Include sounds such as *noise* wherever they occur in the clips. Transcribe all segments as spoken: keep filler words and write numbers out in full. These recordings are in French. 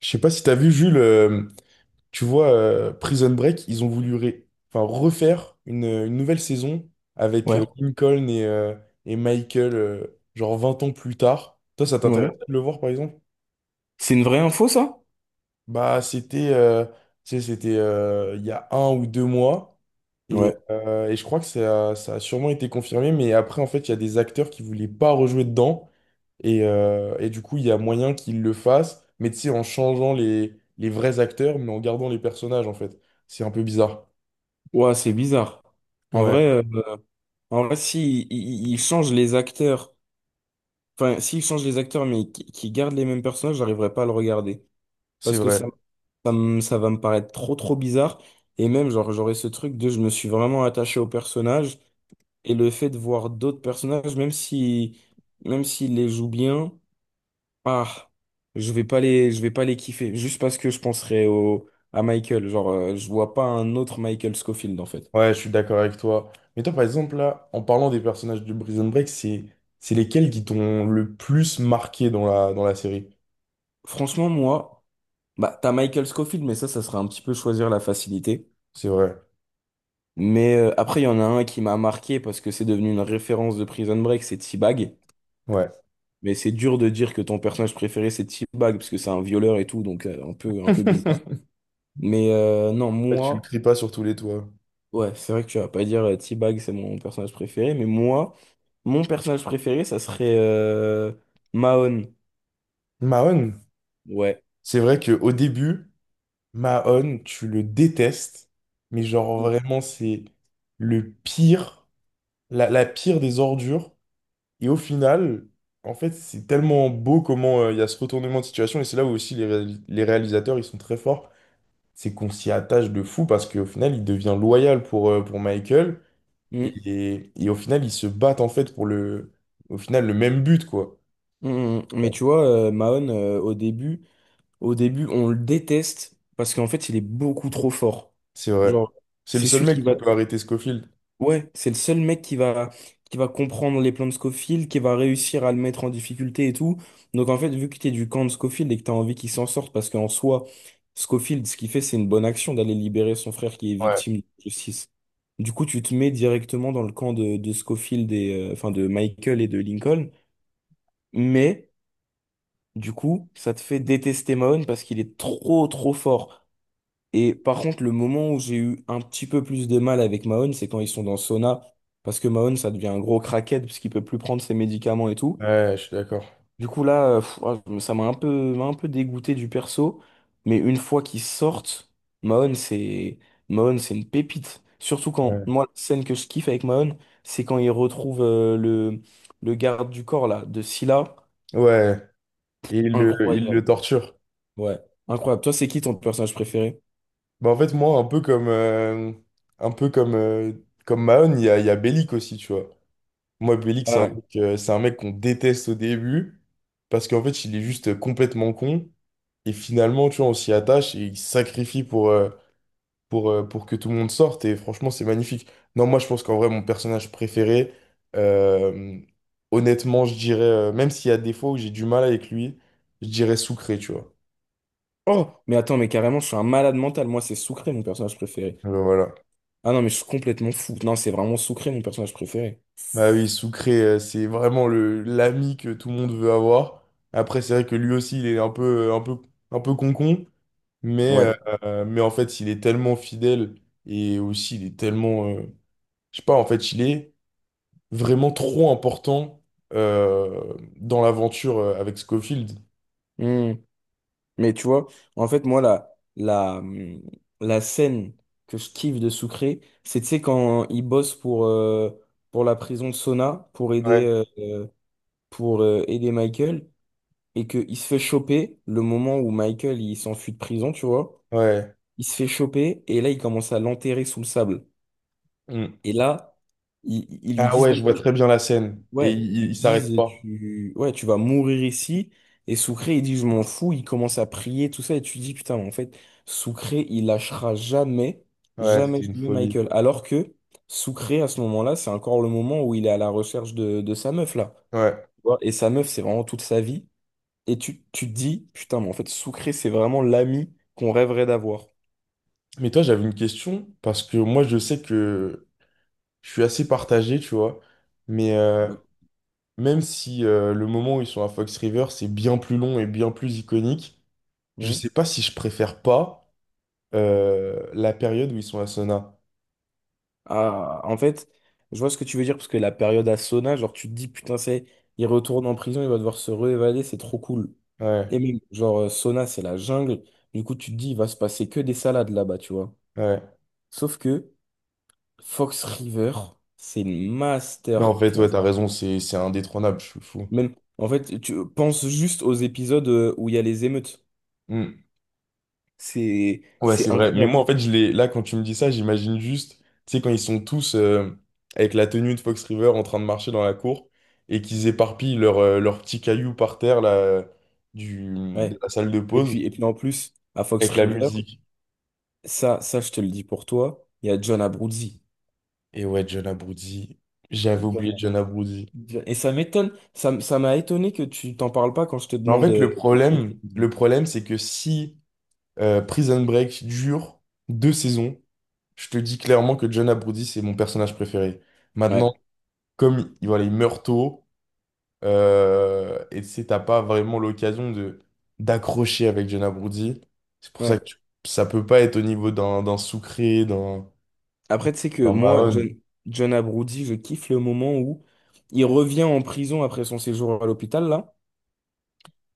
Je sais pas si t'as vu, Jules, euh, tu vois, euh, Prison Break, ils ont voulu ré- enfin, refaire une, euh, une nouvelle saison avec Ouais, euh, Lincoln et, euh, et Michael, euh, genre vingt ans plus tard. Toi, ça t'intéresse ouais. de le voir, par exemple? C'est une vraie info, ça? Bah, c'était euh, tu sais, c'était euh, il y a un ou deux mois. et, Ouais. euh, et je crois que ça, ça a sûrement été confirmé, mais après, en fait, il y a des acteurs qui voulaient pas rejouer dedans. Et, euh, et du coup, il y a moyen qu'ils le fassent, mais tu sais, en changeant les, les vrais acteurs, mais en gardant les personnages, en fait. C'est un peu bizarre. Ouais, c'est bizarre. En Ouais, vrai, euh, en vrai, si ils ils changent les acteurs, enfin, s'ils changent les acteurs, mais qui qui gardent les mêmes personnages, j'arriverai pas à le regarder. c'est Parce que vrai. ça, ça, me- ça va me paraître trop, trop bizarre. Et même, genre, j'aurais ce truc de je me suis vraiment attaché au personnage. Et le fait de voir d'autres personnages, même si, même s'ils les jouent bien. Ah, je vais pas les, je vais pas les kiffer, juste parce que je penserai au, à Michael. Genre, euh, je vois pas un autre Michael Scofield, en fait. Ouais, je suis d'accord avec toi. Mais toi, par exemple, là, en parlant des personnages de Prison Break, c'est, c'est lesquels qui t'ont le plus marqué dans la, dans la série? Franchement, moi, bah, t'as Michael Scofield, mais ça, ça serait un petit peu choisir la facilité. C'est vrai. Mais euh, après, il y en a un qui m'a marqué parce que c'est devenu une référence de Prison Break, c'est T-Bag. Ouais. Mais c'est dur de dire que ton personnage préféré, c'est T-Bag, parce que c'est un violeur et tout, donc euh, un peu, un peu bizarre. *laughs* Mais euh, non, Ouais, Tu le moi, cries pas sur tous les toits. ouais, c'est vrai que tu vas pas dire euh, T-Bag, c'est mon personnage préféré, mais moi. Mon personnage préféré, ça serait euh, Mahon. Mahon, Ouais. c'est vrai que au début, Mahon, tu le détestes, mais genre Mm, vraiment, c'est le pire. la, la pire des ordures. Et au final, en fait, c'est tellement beau comment euh, il y a ce retournement de situation. Et c'est là où aussi les, réalis- les réalisateurs, ils sont très forts. C'est qu'on s'y attache de fou parce qu'au final, il devient loyal pour, euh, pour Michael. Et, mm, et, et au final, ils se battent en fait pour le, au final, le même but, quoi. mm. Mm. Mais tu vois, euh, Mahon, euh, au début, au début, on le déteste parce qu'en fait, il est beaucoup trop fort. C'est vrai. Genre, C'est le c'est seul celui mec qui qui va. peut arrêter Scofield. Ouais, c'est le seul mec qui va, qui va comprendre les plans de Scofield, qui va réussir à le mettre en difficulté et tout. Donc, en fait, vu que t'es du camp de Scofield et que t'as envie qu'il s'en sorte, parce qu'en soi, Scofield, ce qu'il fait, c'est une bonne action d'aller libérer son frère qui est Ouais. victime de justice. Du coup, tu te mets directement dans le camp de, de Scofield et, euh, enfin, de Michael et de Lincoln. Mais, du coup, ça te fait détester Mahone parce qu'il est trop, trop fort. Et par contre, le moment où j'ai eu un petit peu plus de mal avec Mahone, c'est quand ils sont dans le sauna. Parce que Mahone, ça devient un gros crackhead parce qu'il peut plus prendre ses médicaments et tout. Ouais, je suis d'accord. Du coup, là, euh, pff, ah, ça m'a un peu, m'a un peu dégoûté du perso, mais une fois qu'ils sortent, Mahon, c'est Mahon, c'est une pépite. Surtout quand, Ouais. moi, la scène que je kiffe avec Mahon, c'est quand il retrouve euh, le, le garde du corps, là, de Scylla. Ouais. Et il le, il Incroyable. le torture. Ouais, incroyable. Toi, c'est qui ton personnage préféré? Bah, en fait, moi, un peu comme, euh, un peu comme, euh, comme Mahon, il y a, il y a Bellic aussi, tu vois. Moi, Bellic, c'est Ah, un ouais. mec, euh, c'est un mec qu'on déteste au début, parce qu'en fait, il est juste complètement con. Et finalement, tu vois, on s'y attache et il se sacrifie pour, euh, pour, euh, pour que tout le monde sorte. Et franchement, c'est magnifique. Non, moi, je pense qu'en vrai, mon personnage préféré, euh, honnêtement, je dirais, euh, même s'il y a des fois où j'ai du mal avec lui, je dirais Sucré, tu vois. Oh, mais attends, mais carrément, je suis un malade mental. Moi, c'est Sucré, mon personnage préféré. Alors, voilà. Ah non, mais je suis complètement fou. Non, c'est vraiment Sucré, mon personnage préféré. Bah oui, Sucré, euh, c'est vraiment le l'ami que tout le monde veut avoir. Après, c'est vrai que lui aussi, il est un peu, euh, un peu, un peu concon, mais, Mm. Ouais. euh, mais en fait, il est tellement fidèle et aussi, il est tellement, euh, je sais pas, en fait, il est vraiment trop important euh, dans l'aventure euh, avec Scofield. Hmm. Mais tu vois, en fait, moi, la, la, hum, la scène que je kiffe de Sucré, c'est, tu sais, quand il bosse pour, euh, pour la prison de Sona, pour aider, Ouais, euh, euh, pour, euh, aider Michael, et qu'il se fait choper le moment où Michael, il s'enfuit de prison, tu vois. ouais. Il se fait choper, et là, il commence à l'enterrer sous le sable. Mm. Et là, ils, ils lui Ah disent, ouais, je bon, vois très bien la scène et ouais, il, il ils il s'arrête disent pas. tu ouais, tu vas mourir ici et Soucré il dit je m'en fous, il commence à prier tout ça et tu dis putain en fait Soucré il lâchera jamais, Ouais, jamais, c'était une jamais folie. Michael alors que Soucré à ce moment-là, c'est encore le moment où il est à la recherche de, de sa meuf là. Ouais. Tu vois. Et sa meuf c'est vraiment toute sa vie et tu tu te dis putain mais en fait Soucré c'est vraiment l'ami qu'on rêverait d'avoir. Mais toi, j'avais une question parce que moi, je sais que je suis assez partagé, tu vois. Mais euh, Ouais. même si euh, le moment où ils sont à Fox River, c'est bien plus long et bien plus iconique, je Hmm. sais pas si je préfère pas euh, la période où ils sont à Sona. Ah, en fait, je vois ce que tu veux dire, parce que la période à Sona, genre, tu te dis, putain, c'est, il retourne en prison, il va devoir se réévader, c'est trop cool. Ouais, Et même, genre, euh, Sona, c'est la jungle. Du coup, tu te dis, il va se passer que des salades là-bas, tu vois. ouais. Sauf que Fox *laughs* River, c'est une Non, en fait, ouais, masterclass. t'as raison, c'est c'est indétrônable, je suis fou. Même, en fait, tu penses juste aux épisodes euh, où il y a les émeutes. Hmm. C'est, Ouais, c'est c'est vrai. Mais moi, incroyable. en fait, je les... là, quand tu me dis ça, j'imagine juste, tu sais, quand ils sont tous euh, avec la tenue de Fox River en train de marcher dans la cour et qu'ils éparpillent leurs leur petits cailloux par terre, là, du... de Ouais. la salle de Et pause. puis, et puis, en plus, à Fox Avec la River, musique. ça, ça, je te le dis pour toi, il y a John Abruzzi. Et ouais, John Abruzzes, j'avais oublié John Abruzzes. Et ça m'étonne, ça, m- ça m'a étonné que tu t'en parles pas quand je te Mais en demande. fait, euh, le problème, le problème, c'est que si euh, Prison Break dure deux saisons, je te dis clairement que John Abruzzes, c'est mon personnage préféré. Ouais, Maintenant, comme il, voilà, il meurt tôt, euh, et tu sais, t'as pas vraiment l'occasion de d'accrocher avec John Abruzzes. C'est pour ça ouais. que tu- ça peut pas être au niveau d'un d'un Sucré, d'un Après, tu sais que d'un moi, Mahone. John, John Abruzzi, je kiffe le moment où il revient en prison après son séjour à l'hôpital, là,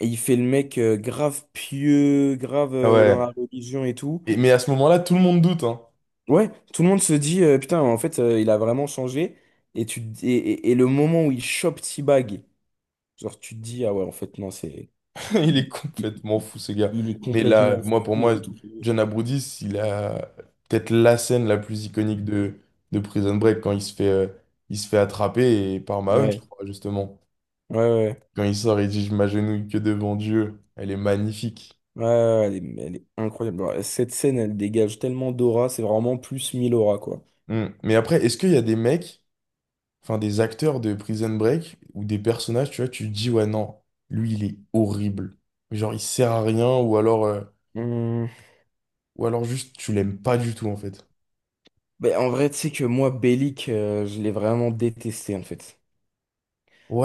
et il fait le mec euh, grave pieux, grave Ah euh, dans la ouais. religion et tout. Et, mais à ce moment-là, tout le monde doute, hein. Ouais, tout le monde se dit, euh, putain, en fait, euh, il a vraiment changé. Et, tu, te- et, et- et le moment où il chope T-Bag, genre, tu te dis, ah ouais, en fait, non, c'est. *laughs* Il Il, est il- complètement il- fou, ce gars. il est Mais là, complètement fou, moi, pour moi, il a tout. John Aboudis, il a peut-être la scène la plus iconique de, de Prison Break quand il se fait, euh, il se fait attraper et par Mahone, je Ouais, crois, justement. ouais, ouais. Quand il sort, il dit: Je m'agenouille que devant Dieu. Elle est magnifique. Ouais, ouais, ouais, elle est, elle est incroyable. Bon, cette scène, elle dégage tellement d'aura, c'est vraiment plus mille aura, quoi. Hmm. Mais après, est-ce qu'il y a des mecs, enfin des acteurs de Prison Break ou des personnages, tu vois, tu te dis, ouais, non, lui, il est horrible. Genre, il sert à rien ou alors, euh, Hum, ou alors juste, tu l'aimes pas du tout, en fait. ben, en vrai, tu sais que moi, Bellic, euh, je l'ai vraiment détesté, en fait.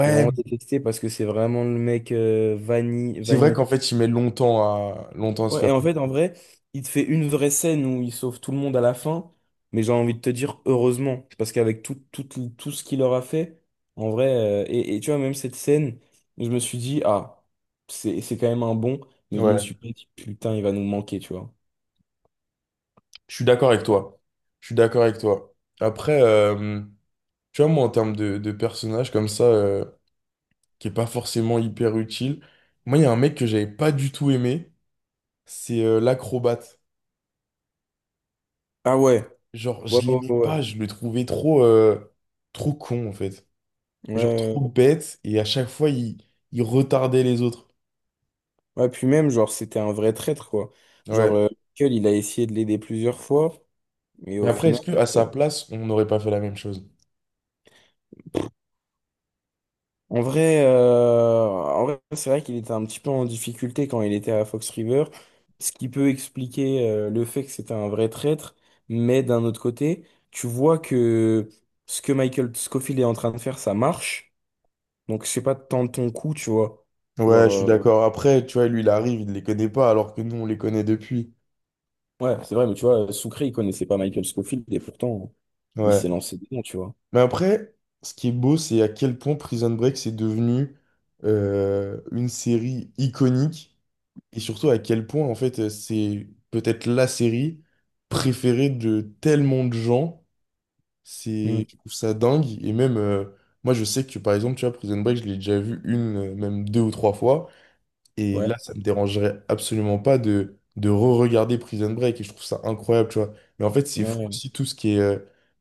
Je l'ai vraiment détesté parce que c'est vraiment le mec euh, vani C'est vrai vanille. qu'en fait, il met longtemps à, longtemps à se Ouais, faire. et en fait, en vrai, il te fait une vraie scène où il sauve tout le monde à la fin, mais j'ai envie de te dire heureusement, parce qu'avec tout, tout, tout, tout ce qu'il leur a fait, en vrai, euh, et, et tu vois, même cette scène, je me suis dit, ah, c'est, c'est quand même un bon, mais je me Ouais, suis pas dit, putain, il va nous manquer, tu vois. je suis d'accord avec toi. Je suis d'accord avec toi. Après, euh, tu vois, moi, en termes de, de personnage comme ça, euh, qui est pas forcément hyper utile, moi, il y a un mec que j'avais pas du tout aimé, c'est euh, l'acrobate. Ah ouais, Genre, ouais, je ouais, l'aimais pas, ouais. je le trouvais trop, euh, trop con, en fait. Ouais, ouais. Genre, Ouais, trop bête, et à chaque fois, il, il retardait les autres. ouais, puis même, genre, c'était un vrai traître, quoi. Genre, Ouais. euh, Michael, il a essayé de l'aider plusieurs fois, mais Mais au après, est-ce final. que à sa euh, place, on n'aurait pas fait la même chose? En vrai, euh, en vrai, c'est vrai qu'il était un petit peu en difficulté quand il était à Fox River, ce qui peut expliquer euh, le fait que c'était un vrai traître. Mais d'un autre côté, tu vois que ce que Michael Scofield est en train de faire, ça marche. Donc, je sais pas tant de ton coup, tu vois. Genre, Ouais, je suis Euh, euh, d'accord. Après, tu vois, lui, il arrive, il ne les connaît pas, alors que nous, on les connaît depuis. ouais, c'est vrai, mais tu vois, Sucré, il connaissait pas Michael Scofield et pourtant, il Ouais. s'est lancé dedans, tu vois. Mais après, ce qui est beau, c'est à quel point Prison Break, c'est devenu euh, une série iconique, et surtout à quel point, en fait, euh, c'est peut-être la série préférée de tellement de gens. Mm. C'est, je trouve ça dingue. Et même, euh, moi, je sais que, par exemple, tu vois, Prison Break, je l'ai déjà vu une, euh, même deux ou trois fois. Et là, Ouais, ça me dérangerait absolument pas de, de re-regarder Prison Break et je trouve ça incroyable, tu vois. Mais en fait, c'est fou ouais, aussi tout ce qui est, euh,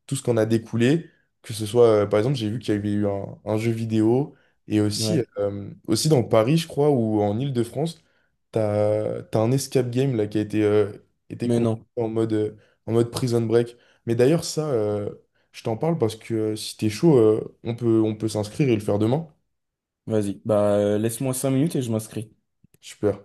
tout ce qu'on a découlé, que ce soit, euh, par exemple, j'ai vu qu'il y avait eu un, un jeu vidéo et aussi, ouais. euh, aussi dans Paris, je crois, ou en Île-de-France, t'as, t'as un escape game là qui a été, euh, été Mais construit non, en mode, euh, en mode Prison Break. Mais d'ailleurs, ça, euh, je t'en parle parce que euh, si t'es chaud, euh, on peut, on peut s'inscrire et le faire demain. vas-y, bah, euh, laisse-moi cinq minutes et je m'inscris. Super.